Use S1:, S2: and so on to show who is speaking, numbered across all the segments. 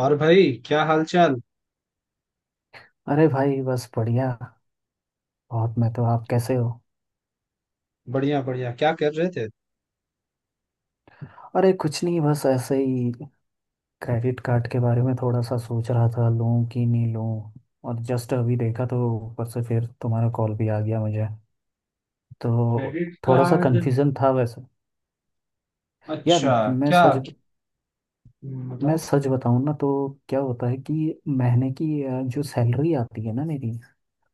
S1: और भाई, क्या हाल चाल?
S2: अरे भाई बस बढ़िया बहुत। मैं तो आप कैसे हो।
S1: बढ़िया बढ़िया। क्या कर रहे थे?
S2: अरे कुछ नहीं बस ऐसे ही। क्रेडिट कार्ड के बारे में थोड़ा सा सोच रहा था लूं कि नहीं लूं। और जस्ट अभी देखा तो ऊपर से फिर तुम्हारा कॉल भी आ गया मुझे। तो
S1: क्रेडिट
S2: थोड़ा सा
S1: कार्ड?
S2: कंफ्यूजन था वैसे यार।
S1: अच्छा।
S2: मैं
S1: क्या?
S2: सच मैं
S1: बताओ।
S2: सच बताऊं ना तो क्या होता है कि महीने की जो सैलरी आती है ना मेरी,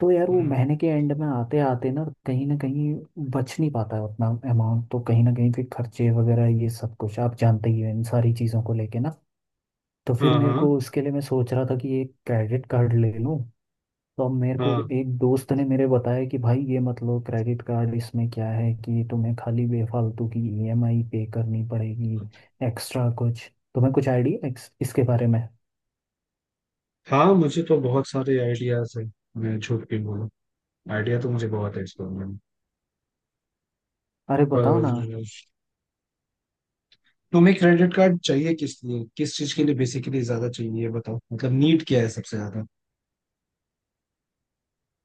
S2: तो यार वो
S1: हम्म।
S2: महीने के एंड में आते आते ना कहीं बच नहीं पाता है उतना अमाउंट। तो कहीं ना कहीं फिर खर्चे वगैरह ये सब कुछ आप जानते ही हो इन सारी चीज़ों को लेके ना। तो फिर
S1: हाँ,
S2: मेरे
S1: हाँ,
S2: को उसके लिए मैं सोच रहा था कि एक क्रेडिट कार्ड ले लूँ। तो अब मेरे को
S1: हाँ,
S2: एक दोस्त ने मेरे बताया कि भाई ये मत लो क्रेडिट कार्ड, इसमें क्या है कि तुम्हें खाली बेफालतू की ईएमआई पे करनी पड़ेगी एक्स्ट्रा कुछ। तुम्हें कुछ आइडिया है इसके बारे में?
S1: हाँ। मुझे तो बहुत सारे आइडियाज हैं। मैं झूठ के बोलूं? आइडिया तो मुझे बहुत है इसके बारे में।
S2: अरे बताओ
S1: पर
S2: ना।
S1: तुम्हें क्रेडिट कार्ड चाहिए किस लिए, किस चीज के लिए बेसिकली ज्यादा चाहिए, ये बताओ। मतलब नीड क्या है सबसे ज्यादा?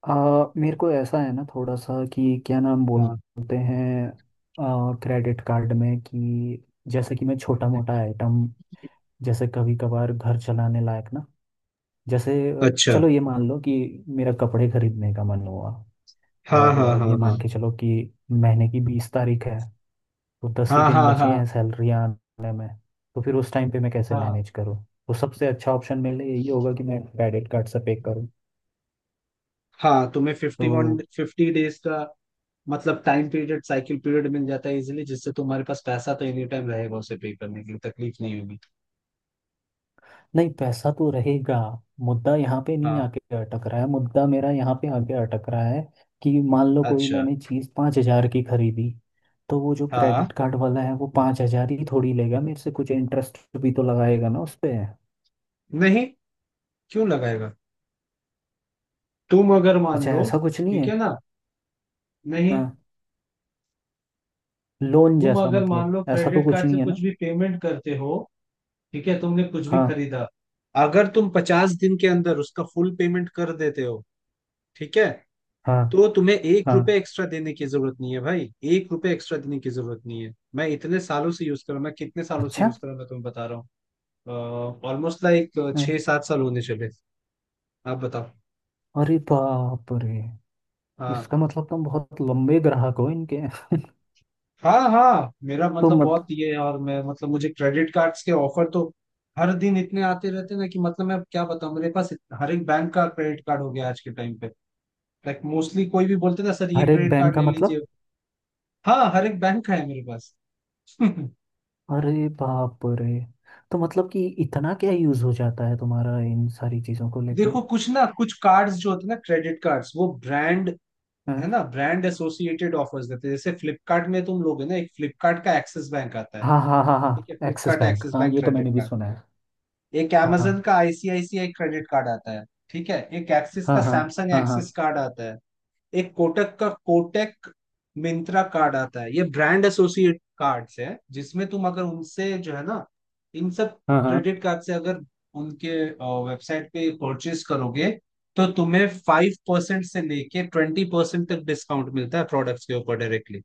S2: मेरे को ऐसा है ना थोड़ा सा कि क्या नाम
S1: हाँ।
S2: बोलते हैं, क्रेडिट कार्ड में कि जैसे कि मैं छोटा मोटा आइटम, जैसे कभी कभार घर चलाने लायक ना, जैसे
S1: अच्छा।
S2: चलो ये मान लो कि मेरा कपड़े खरीदने का मन हुआ,
S1: हाँ, हाँ,
S2: और ये
S1: हाँ,
S2: मान के चलो कि महीने की 20 तारीख है, तो 10 ही
S1: हाँ, हाँ,
S2: दिन
S1: हाँ,
S2: बचे
S1: हाँ,
S2: हैं सैलरी आने में, तो फिर उस टाइम पे मैं कैसे
S1: हाँ,
S2: मैनेज करूँ। तो सबसे अच्छा ऑप्शन मेरे लिए यही होगा कि मैं क्रेडिट कार्ड से पे करूँ।
S1: हाँ। तुम्हें फिफ्टी वन
S2: तो
S1: फिफ्टी डेज का मतलब टाइम पीरियड, साइकिल पीरियड मिल जाता है इजीली, जिससे तुम्हारे पास पैसा तो एनी टाइम रहेगा उसे पे करने के लिए, तकलीफ नहीं होगी।
S2: नहीं, पैसा तो रहेगा। मुद्दा यहाँ पे नहीं
S1: हाँ।
S2: आके अटक रहा है, मुद्दा मेरा यहाँ पे आके अटक रहा है कि मान लो कोई
S1: अच्छा।
S2: मैंने चीज़ 5,000 की खरीदी, तो वो जो
S1: हाँ।
S2: क्रेडिट कार्ड वाला है वो 5,000 ही थोड़ी लेगा मेरे से, कुछ इंटरेस्ट भी तो लगाएगा ना उस पे।
S1: नहीं। क्यों लगाएगा? तुम अगर मान
S2: अच्छा,
S1: लो,
S2: ऐसा कुछ नहीं
S1: ठीक
S2: है।
S1: है ना? नहीं।
S2: हाँ। लोन
S1: तुम
S2: जैसा
S1: अगर मान
S2: मतलब
S1: लो
S2: ऐसा तो
S1: क्रेडिट
S2: कुछ
S1: कार्ड से
S2: नहीं है
S1: कुछ
S2: ना।
S1: भी पेमेंट करते हो, ठीक है, तुमने कुछ भी
S2: हाँ
S1: खरीदा, अगर तुम 50 दिन के अंदर उसका फुल पेमेंट कर देते हो, ठीक है,
S2: हाँ
S1: तो तुम्हें एक
S2: हाँ।
S1: रुपए एक्स्ट्रा देने की जरूरत नहीं है भाई। एक रुपए एक्स्ट्रा देने की जरूरत नहीं है। मैं इतने सालों से यूज कर रहा हूँ, मैं कितने सालों से
S2: अच्छा।
S1: यूज कर रहा हूँ, मैं तुम्हें बता रहा हूँ। ऑलमोस्ट लाइक
S2: हाँ।
S1: 6-7 साल होने चले। आप बताओ।
S2: अरे बाप रे।
S1: हाँ,
S2: इसका मतलब तुम बहुत लंबे ग्राहक हो इनके
S1: हाँ, हाँ। मेरा
S2: तो
S1: मतलब
S2: मत
S1: बहुत ये है, और मैं मतलब मुझे क्रेडिट कार्ड्स के ऑफर तो हर दिन इतने आते रहते हैं ना कि मतलब मैं अब क्या बताऊं, मेरे पास हर एक बैंक का क्रेडिट कार्ड हो गया आज के टाइम पे। लाइक मोस्टली कोई भी बोलते ना, सर ये
S2: हर एक
S1: क्रेडिट
S2: बैंक
S1: कार्ड
S2: का
S1: ले लीजिए।
S2: मतलब?
S1: हाँ, हर एक बैंक का है मेरे पास।
S2: अरे बाप रे। तो मतलब कि इतना क्या यूज हो जाता है तुम्हारा इन सारी चीजों को लेके
S1: देखो
S2: हैं?
S1: कुछ ना कुछ कार्ड्स जो होते हैं ना क्रेडिट कार्ड्स, वो ब्रांड, है ना, ब्रांड एसोसिएटेड ऑफर्स देते हैं। जैसे फ्लिपकार्ट में तुम लोगे ना, एक फ्लिपकार्ट का एक्सिस बैंक आता है,
S2: हाँ हाँ हाँ
S1: ठीक है,
S2: हाँ, एक्सिस
S1: फ्लिपकार्ट
S2: बैंक
S1: एक्सिस
S2: हाँ,
S1: बैंक
S2: ये तो
S1: क्रेडिट
S2: मैंने भी
S1: कार्ड।
S2: सुना है।
S1: एक amazon
S2: हाँ
S1: का आईसीआईसीआई क्रेडिट कार्ड आता है। ठीक है, एक एक्सिस
S2: हाँ
S1: का
S2: हाँ
S1: samsung
S2: हाँ
S1: एक्सिस
S2: हाँ
S1: कार्ड आता है। एक कोटक का कोटक मिंत्रा कार्ड आता है। ये ब्रांड एसोसिएट कार्ड्स है, जिसमें तुम अगर उनसे, जो है ना, इन सब
S2: हाँ हाँ।
S1: क्रेडिट कार्ड से अगर उनके वेबसाइट पे परचेज करोगे, तो तुम्हें 5% से लेके 20% तक डिस्काउंट मिलता है, प्रोडक्ट्स के ऊपर डायरेक्टली।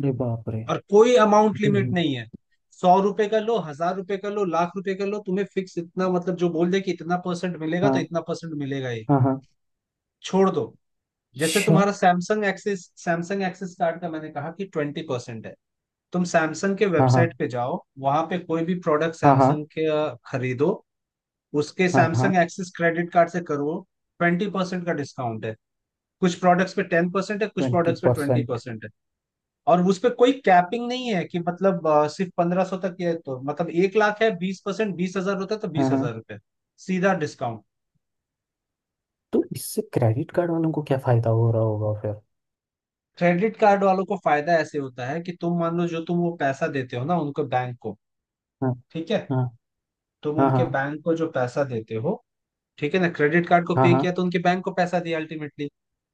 S2: अरे बाप रे।
S1: और कोई अमाउंट लिमिट
S2: हम्म।
S1: नहीं है। 100 रुपए का लो, 1,000 रुपए का लो, लाख रुपए का लो, तुम्हें फिक्स इतना, मतलब जो बोल दे कि इतना परसेंट मिलेगा तो
S2: हाँ
S1: इतना परसेंट मिलेगा ही।
S2: हाँ हाँ।
S1: छोड़ दो। जैसे
S2: अच्छा।
S1: तुम्हारा Samsung Axis, Samsung Axis card का मैंने कहा कि 20% है। तुम सैमसंग के
S2: हाँ हाँ
S1: वेबसाइट पे जाओ, वहां पे कोई भी प्रोडक्ट
S2: हाँ हाँ
S1: सैमसंग के खरीदो, उसके
S2: हाँ हाँ।
S1: सैमसंग एक्सिस क्रेडिट कार्ड से करो, 20% का डिस्काउंट है। कुछ प्रोडक्ट्स पे 10% है, कुछ
S2: ट्वेंटी
S1: प्रोडक्ट्स पे ट्वेंटी
S2: परसेंट
S1: परसेंट है। और उस पे कोई कैपिंग नहीं है कि मतलब सिर्फ 1500 तक है। तो मतलब एक लाख है, 20% 20,000 होता है, तो
S2: हाँ
S1: बीस
S2: हाँ।
S1: हजार रुपये सीधा डिस्काउंट।
S2: तो इससे क्रेडिट कार्ड वालों को क्या फायदा हो रहा होगा फिर?
S1: क्रेडिट कार्ड वालों को फायदा ऐसे होता है कि तुम मान लो, जो तुम वो पैसा देते हो ना उनको, बैंक को,
S2: हाँ।
S1: ठीक है,
S2: हाँ।
S1: तुम
S2: हाँ
S1: उनके
S2: हाँ।
S1: बैंक को जो पैसा देते हो, ठीक है ना, क्रेडिट कार्ड को
S2: हाँ
S1: पे
S2: हाँ
S1: किया तो उनके बैंक को पैसा दिया अल्टीमेटली।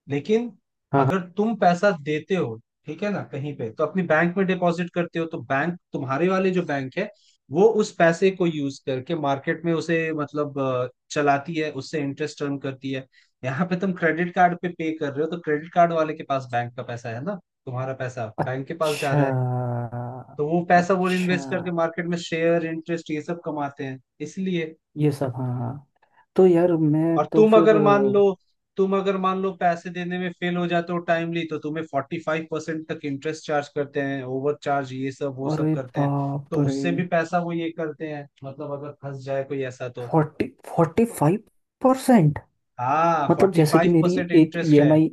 S1: लेकिन
S2: हाँ हाँ।
S1: अगर तुम पैसा देते हो, ठीक है ना, कहीं पे, तो अपनी बैंक में डिपॉजिट करते हो, तो बैंक, तुम्हारे वाले जो बैंक है, वो उस पैसे को यूज करके मार्केट में उसे मतलब चलाती है, उससे इंटरेस्ट अर्न करती है। यहाँ पे तुम क्रेडिट कार्ड पे पे कर रहे हो, तो क्रेडिट कार्ड वाले के पास बैंक का पैसा है ना, तुम्हारा पैसा बैंक के पास जा
S2: अच्छा।
S1: रहा है, तो वो पैसा वो
S2: अच्छा।
S1: इन्वेस्ट करके मार्केट में शेयर, इंटरेस्ट, ये सब कमाते हैं इसलिए।
S2: ये सब हाँ हाँ। तो यार मैं
S1: और
S2: तो
S1: तुम
S2: फिर
S1: अगर मान लो, पैसे देने में फेल हो जाते हो टाइमली, तो तुम्हें 45% तक इंटरेस्ट चार्ज करते हैं, ओवर चार्ज, ये सब वो सब
S2: अरे
S1: करते हैं।
S2: बाप
S1: तो
S2: रे।
S1: उससे भी पैसा वो ये करते हैं, मतलब अगर फंस जाए कोई ऐसा तो।
S2: फोर्टी 45%?
S1: हाँ,
S2: मतलब
S1: फोर्टी
S2: जैसे कि
S1: फाइव
S2: मेरी
S1: परसेंट
S2: एक
S1: इंटरेस्ट है।
S2: ईएमआई,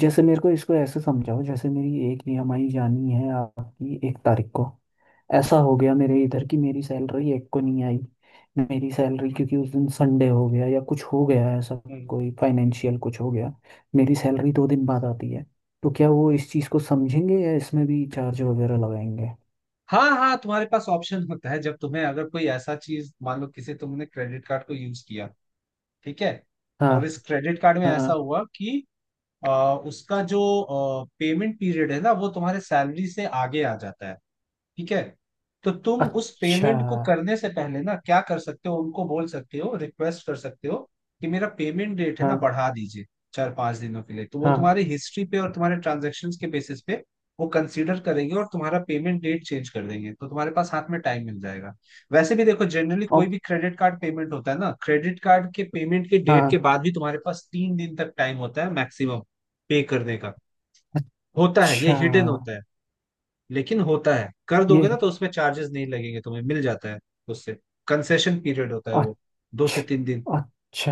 S2: जैसे मेरे को इसको ऐसे समझाओ, जैसे मेरी एक ईएमआई जानी है आपकी 1 तारीख को, ऐसा हो गया मेरे इधर की मेरी सैलरी एक को नहीं आई, मेरी सैलरी क्योंकि उस दिन संडे हो गया या कुछ हो गया ऐसा,
S1: हम्म।
S2: कोई फाइनेंशियल कुछ हो गया, मेरी सैलरी 2 दिन बाद आती है, तो क्या वो इस चीज़ को समझेंगे या इसमें भी चार्ज वगैरह लगाएंगे?
S1: हाँ, हाँ, तुम्हारे पास ऑप्शन होता है, जब तुम्हें अगर कोई ऐसा चीज, मान लो किसी तुमने क्रेडिट कार्ड को यूज किया, ठीक है,
S2: हाँ
S1: और इस क्रेडिट कार्ड में
S2: हाँ
S1: ऐसा
S2: हाँ।
S1: हुआ कि अ, उसका जो पेमेंट पीरियड है ना वो तुम्हारे सैलरी से आगे आ जाता है, ठीक है, तो तुम उस
S2: अच्छा।
S1: पेमेंट को करने से पहले ना क्या कर सकते हो, उनको बोल सकते हो, रिक्वेस्ट कर सकते हो कि मेरा पेमेंट डेट है ना
S2: हाँ
S1: बढ़ा दीजिए 4-5 दिनों के लिए। तो वो
S2: हाँ।
S1: तुम्हारी हिस्ट्री पे और तुम्हारे ट्रांजेक्शन्स के बेसिस पे वो कंसीडर करेंगे और तुम्हारा पेमेंट डेट चेंज कर देंगे, तो तुम्हारे पास हाथ में टाइम मिल जाएगा। वैसे भी देखो जनरली, कोई
S2: अब
S1: भी क्रेडिट कार्ड पेमेंट होता है ना, क्रेडिट कार्ड के पेमेंट के डेट
S2: हाँ।
S1: के बाद भी तुम्हारे पास 3 दिन तक टाइम होता है मैक्सिमम पे करने का। होता है, ये
S2: अच्छा।
S1: हिडन होता है, लेकिन होता है। कर
S2: ये
S1: दोगे ना तो उसमें चार्जेस नहीं लगेंगे, तुम्हें मिल जाता है उससे। कंसेशन पीरियड होता है वो, 2 से 3 दिन।
S2: अच्छा अच्छा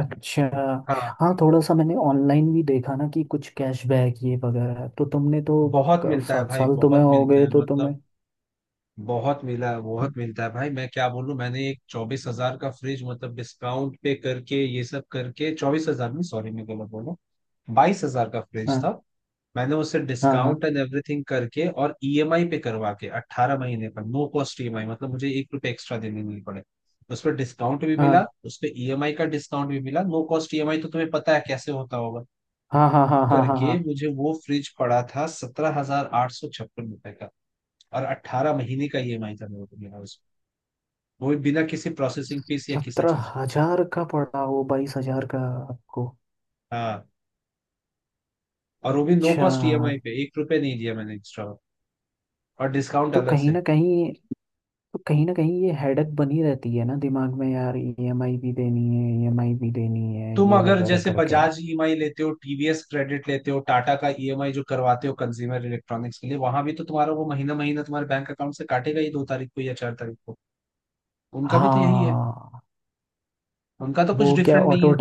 S2: अच्छा।
S1: हाँ।
S2: हाँ, थोड़ा सा मैंने ऑनलाइन भी देखा ना कि कुछ कैशबैक ये वगैरह, तो तुमने तो
S1: बहुत मिलता है
S2: सात
S1: भाई,
S2: साल तुम्हें
S1: बहुत
S2: हो
S1: मिलता
S2: गए
S1: है,
S2: तो
S1: मतलब
S2: तुम्हें।
S1: बहुत मिला है, बहुत मिलता है भाई। मैं क्या बोलूं, मैंने एक 24,000 का फ्रिज, मतलब डिस्काउंट पे करके ये सब करके, 24,000 नहीं, सॉरी मैं गलत बोला, 22,000 का फ्रिज
S2: हाँ
S1: था। मैंने उसे
S2: हाँ हाँ
S1: डिस्काउंट एंड एवरीथिंग करके और ईएमआई पे करवा के 18 महीने पर नो कॉस्ट ईएमआई, मतलब मुझे एक रुपये एक्स्ट्रा देने नहीं पड़े। उस पर डिस्काउंट भी मिला, उस पर ईएमआई का डिस्काउंट भी मिला, नो कॉस्ट ईएमआई, तो तुम्हें पता है कैसे होता होगा।
S2: हाँ
S1: तो
S2: हाँ हाँ हाँ हाँ हाँ
S1: करके
S2: हाँ।
S1: मुझे वो फ्रिज पड़ा था 17,856 रुपए का। और 18 महीने का ईएमआई था मेरे को मिला उसमें, वो भी बिना किसी प्रोसेसिंग फीस या किसी
S2: सत्रह
S1: चीज।
S2: हजार का पड़ा वो 22,000 का आपको?
S1: हाँ, और वो भी नो
S2: अच्छा।
S1: कॉस्ट ईएमआई पे, एक रुपए नहीं दिया मैंने एक्स्ट्रा, और डिस्काउंट
S2: तो
S1: अलग
S2: कहीं
S1: से।
S2: ना कहीं, तो कहीं ना कहीं ये हेडक बनी रहती है ना दिमाग में यार, ईएमआई भी देनी है, ईएमआई भी देनी है
S1: तुम
S2: ये
S1: अगर
S2: वगैरह
S1: जैसे
S2: करके।
S1: बजाज ईएमआई लेते हो, टीवीएस क्रेडिट लेते हो, टाटा का ईएमआई जो करवाते हो कंज्यूमर इलेक्ट्रॉनिक्स के लिए, वहां भी तो तुम्हारा वो महीना महीना तुम्हारे बैंक अकाउंट से काटेगा ही, 2 तारीख को या 4 तारीख को। उनका भी तो यही है,
S2: हाँ।
S1: उनका तो कुछ
S2: वो क्या
S1: डिफरेंट नहीं
S2: ऑटो,
S1: है।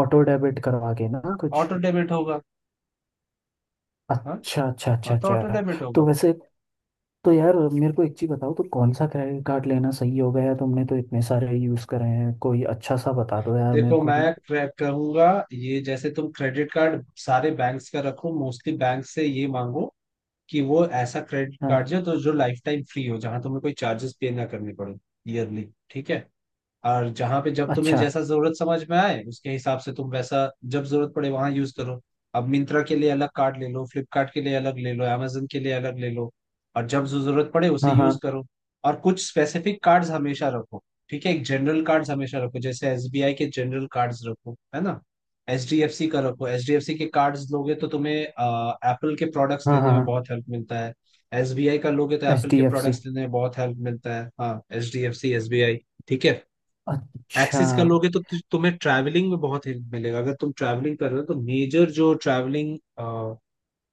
S2: ऑटो डेबिट करवा के ना कुछ?
S1: ऑटो डेबिट होगा। हाँ,
S2: अच्छा अच्छा अच्छा
S1: हाँ, तो ऑटो
S2: अच्छा।
S1: डेबिट होगा।
S2: तो वैसे, तो यार मेरे को एक चीज़ बताओ, तो कौन सा क्रेडिट कार्ड लेना सही होगा यार, तुमने तो इतने सारे यूज़ करे हैं, कोई अच्छा सा बता दो यार मेरे
S1: देखो
S2: को भी।
S1: मैं कहूंगा, ये जैसे तुम क्रेडिट कार्ड सारे बैंक्स का रखो, मोस्टली बैंक से ये मांगो कि वो ऐसा क्रेडिट कार्ड
S2: हाँ।
S1: जो, तो जो लाइफ टाइम फ्री हो, जहां तुम्हें कोई चार्जेस पे ना करने पड़े ईयरली, ठीक है, और जहां पे जब तुम्हें
S2: अच्छा।
S1: जैसा जरूरत समझ में आए उसके हिसाब से, तुम वैसा जब जरूरत पड़े वहां यूज करो। अब मिंत्रा के लिए अलग कार्ड ले लो, फ्लिपकार्ट के लिए अलग ले लो, amazon के लिए अलग ले लो, और जब जो जरूरत पड़े उसे
S2: हाँ हाँ
S1: यूज करो। और कुछ स्पेसिफिक कार्ड्स हमेशा रखो, ठीक है, एक जनरल कार्ड्स हमेशा रखो, जैसे एसबीआई के जनरल कार्ड्स रखो, है ना, एचडीएफसी का रखो। एचडीएफसी के कार्ड्स लोगे तो तुम्हें एप्पल के प्रोडक्ट्स
S2: हाँ
S1: लेने
S2: हाँ।
S1: में बहुत हेल्प मिलता है, एसबीआई का लोगे तो
S2: एच
S1: एप्पल
S2: डी
S1: के
S2: एफ सी?
S1: प्रोडक्ट्स लेने में बहुत हेल्प मिलता है। हाँ, एचडीएफसी, एसबीआई, ठीक है,
S2: अच्छा।
S1: एक्सिस कर लोगे तो तुम्हें ट्रैवलिंग में बहुत हेल्प मिलेगा, अगर तुम ट्रैवलिंग कर रहे हो, तो मेजर जो ट्रैवलिंग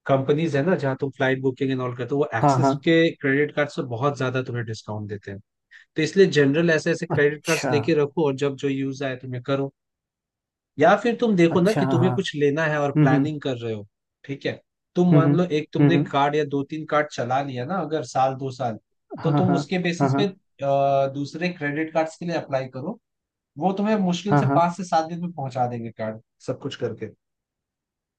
S1: कंपनीज है ना जहाँ तुम फ्लाइट बुकिंग एंड ऑल करते हो, वो
S2: हाँ
S1: एक्सिस
S2: हाँ।
S1: के क्रेडिट कार्ड से बहुत ज्यादा तुम्हें डिस्काउंट देते हैं। तो इसलिए जनरल ऐसे ऐसे क्रेडिट कार्ड्स
S2: अच्छा
S1: लेके रखो और जब जो यूज आए तुम्हें करो, या फिर तुम देखो ना
S2: अच्छा।
S1: कि
S2: हाँ
S1: तुम्हें
S2: हाँ।
S1: कुछ लेना है और
S2: हम्म हम्म।
S1: प्लानिंग कर रहे हो, ठीक है। तुम
S2: हम्म
S1: मान लो एक तुमने
S2: हम्म।
S1: कार्ड या दो तीन कार्ड चला लिया ना, अगर साल दो साल, तो
S2: हाँ हाँ
S1: तुम उसके
S2: हाँ
S1: बेसिस
S2: हाँ
S1: पे दूसरे क्रेडिट कार्ड्स के लिए अप्लाई करो, वो तुम्हें मुश्किल
S2: हाँ
S1: से
S2: हाँ।
S1: 5 से 7 दिन में पहुंचा देंगे कार्ड सब कुछ करके।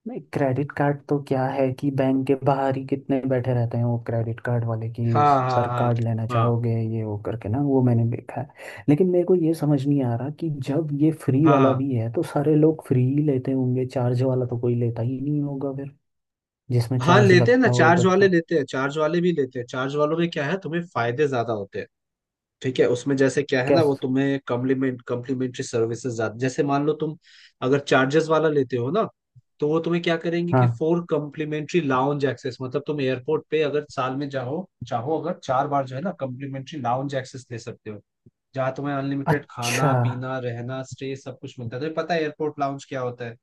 S2: नहीं, क्रेडिट कार्ड तो क्या है कि बैंक के बाहर ही कितने बैठे रहते हैं वो क्रेडिट कार्ड वाले की,
S1: हाँ, हाँ,
S2: सर
S1: हाँ,
S2: कार्ड लेना
S1: हाँ,
S2: चाहोगे ये वो करके ना, वो मैंने देखा है। लेकिन मेरे को ये समझ नहीं आ रहा कि जब ये फ्री
S1: हाँ,
S2: वाला
S1: हाँ,
S2: भी है तो सारे लोग फ्री ही लेते होंगे, चार्ज वाला तो कोई लेता ही नहीं होगा फिर, जिसमें
S1: हाँ,
S2: चार्ज
S1: लेते हैं ना,
S2: लगता
S1: चार्ज
S2: होगा
S1: वाले
S2: का।
S1: लेते हैं, चार्ज वाले भी लेते हैं। चार्ज वालों में क्या है, तुम्हें फायदे ज्यादा होते हैं, ठीक है, उसमें जैसे क्या है ना, वो
S2: कैस
S1: तुम्हें कम्प्लीमेंट्री सर्विसेज ज्यादा। जैसे मान लो तुम अगर चार्जेस वाला लेते हो ना, तो वो तुम्हें क्या करेंगे कि
S2: हाँ।
S1: फोर कम्प्लीमेंट्री लाउंज एक्सेस, मतलब तुम एयरपोर्ट पे अगर साल में जाओ चाहो अगर 4 बार, जो है ना, कम्प्लीमेंट्री लाउंज एक्सेस ले सकते हो, जहाँ तुम्हें अनलिमिटेड
S2: अच्छा।
S1: खाना पीना रहना स्टे सब कुछ मिलता है। तो पता है एयरपोर्ट लाउंज क्या होता है,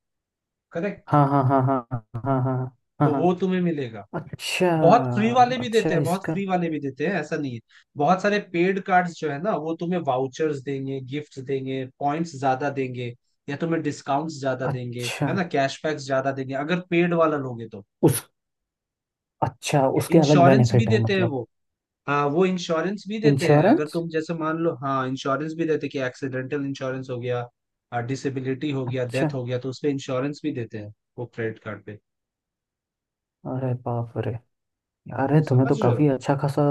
S1: करेक्ट?
S2: हाँ हाँ हाँ हाँ हाँ हाँ हाँ हाँ
S1: तो
S2: हाँ।
S1: वो तुम्हें मिलेगा।
S2: अच्छा।
S1: बहुत फ्री वाले भी
S2: अच्छा
S1: देते हैं, बहुत
S2: इसका
S1: फ्री वाले भी देते हैं, ऐसा नहीं है। बहुत सारे पेड कार्ड्स जो है ना वो तुम्हें वाउचर्स देंगे, गिफ्ट्स देंगे, पॉइंट्स ज्यादा देंगे या तुम्हें डिस्काउंट्स ज्यादा देंगे,
S2: अच्छा
S1: है ना, कैशबैक्स ज्यादा देंगे अगर पेड वाला लोगे तो।
S2: उस अच्छा,
S1: ठीक है,
S2: उसके अलग
S1: इंश्योरेंस भी
S2: बेनिफिट है
S1: देते हैं
S2: मतलब?
S1: वो। हाँ, वो इंश्योरेंस भी देते हैं, अगर
S2: इंश्योरेंस?
S1: तुम जैसे मान लो, हाँ इंश्योरेंस भी देते हैं कि एक्सीडेंटल इंश्योरेंस हो गया, डिसेबिलिटी हो गया,
S2: अच्छा।
S1: डेथ हो गया, तो उसपे इंश्योरेंस भी देते हैं, वो क्रेडिट कार्ड पे।
S2: अरे बाप रे। यार है तुम्हें
S1: समझ
S2: तो
S1: रहे हो?
S2: काफी अच्छा खासा,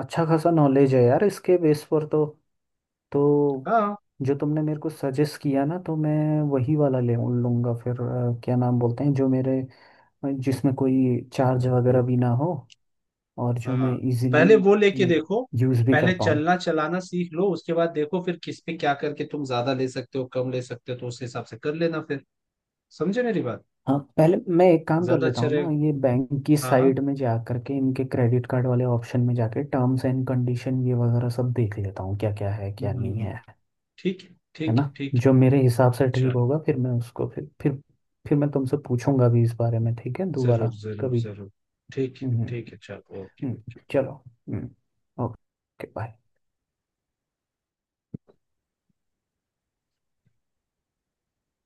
S2: अच्छा खासा नॉलेज है यार, इसके बेस पर तो। तो
S1: हाँ,
S2: जो तुमने मेरे को सजेस्ट किया ना, तो मैं वही वाला ले लूंगा फिर क्या नाम बोलते हैं जो मेरे, जिसमें कोई चार्ज वगैरह भी ना हो, और जो
S1: हाँ।
S2: मैं
S1: पहले वो लेके
S2: इजीली
S1: देखो,
S2: यूज भी कर
S1: पहले
S2: पाऊँ।
S1: चलना चलाना सीख लो, उसके बाद देखो फिर किस पे क्या करके तुम ज्यादा ले सकते हो कम ले सकते हो, तो उस हिसाब से कर लेना फिर। समझे मेरी बात?
S2: हाँ, पहले मैं एक काम कर
S1: ज्यादा
S2: लेता
S1: अच्छा
S2: हूँ ना,
S1: रहेगा।
S2: ये बैंक की
S1: हाँ, हाँ।
S2: साइड में जा करके इनके क्रेडिट कार्ड वाले ऑप्शन में जाके टर्म्स एंड कंडीशन ये वगैरह सब देख लेता हूँ, क्या क्या है क्या नहीं
S1: हम्म,
S2: है।
S1: ठीक है,
S2: है
S1: ठीक
S2: ना,
S1: है, ठीक है।
S2: जो मेरे हिसाब से ठीक
S1: चलो,
S2: होगा, फिर मैं उसको फिर मैं तुमसे पूछूंगा भी इस बारे में। ठीक है,
S1: जरूर
S2: दोबारा
S1: जरूर
S2: कभी।
S1: जरूर। ठीक।
S2: हम्म।
S1: ठीक है, चलो, ओके।
S2: हम्म। चलो। हम्म। Okay bye.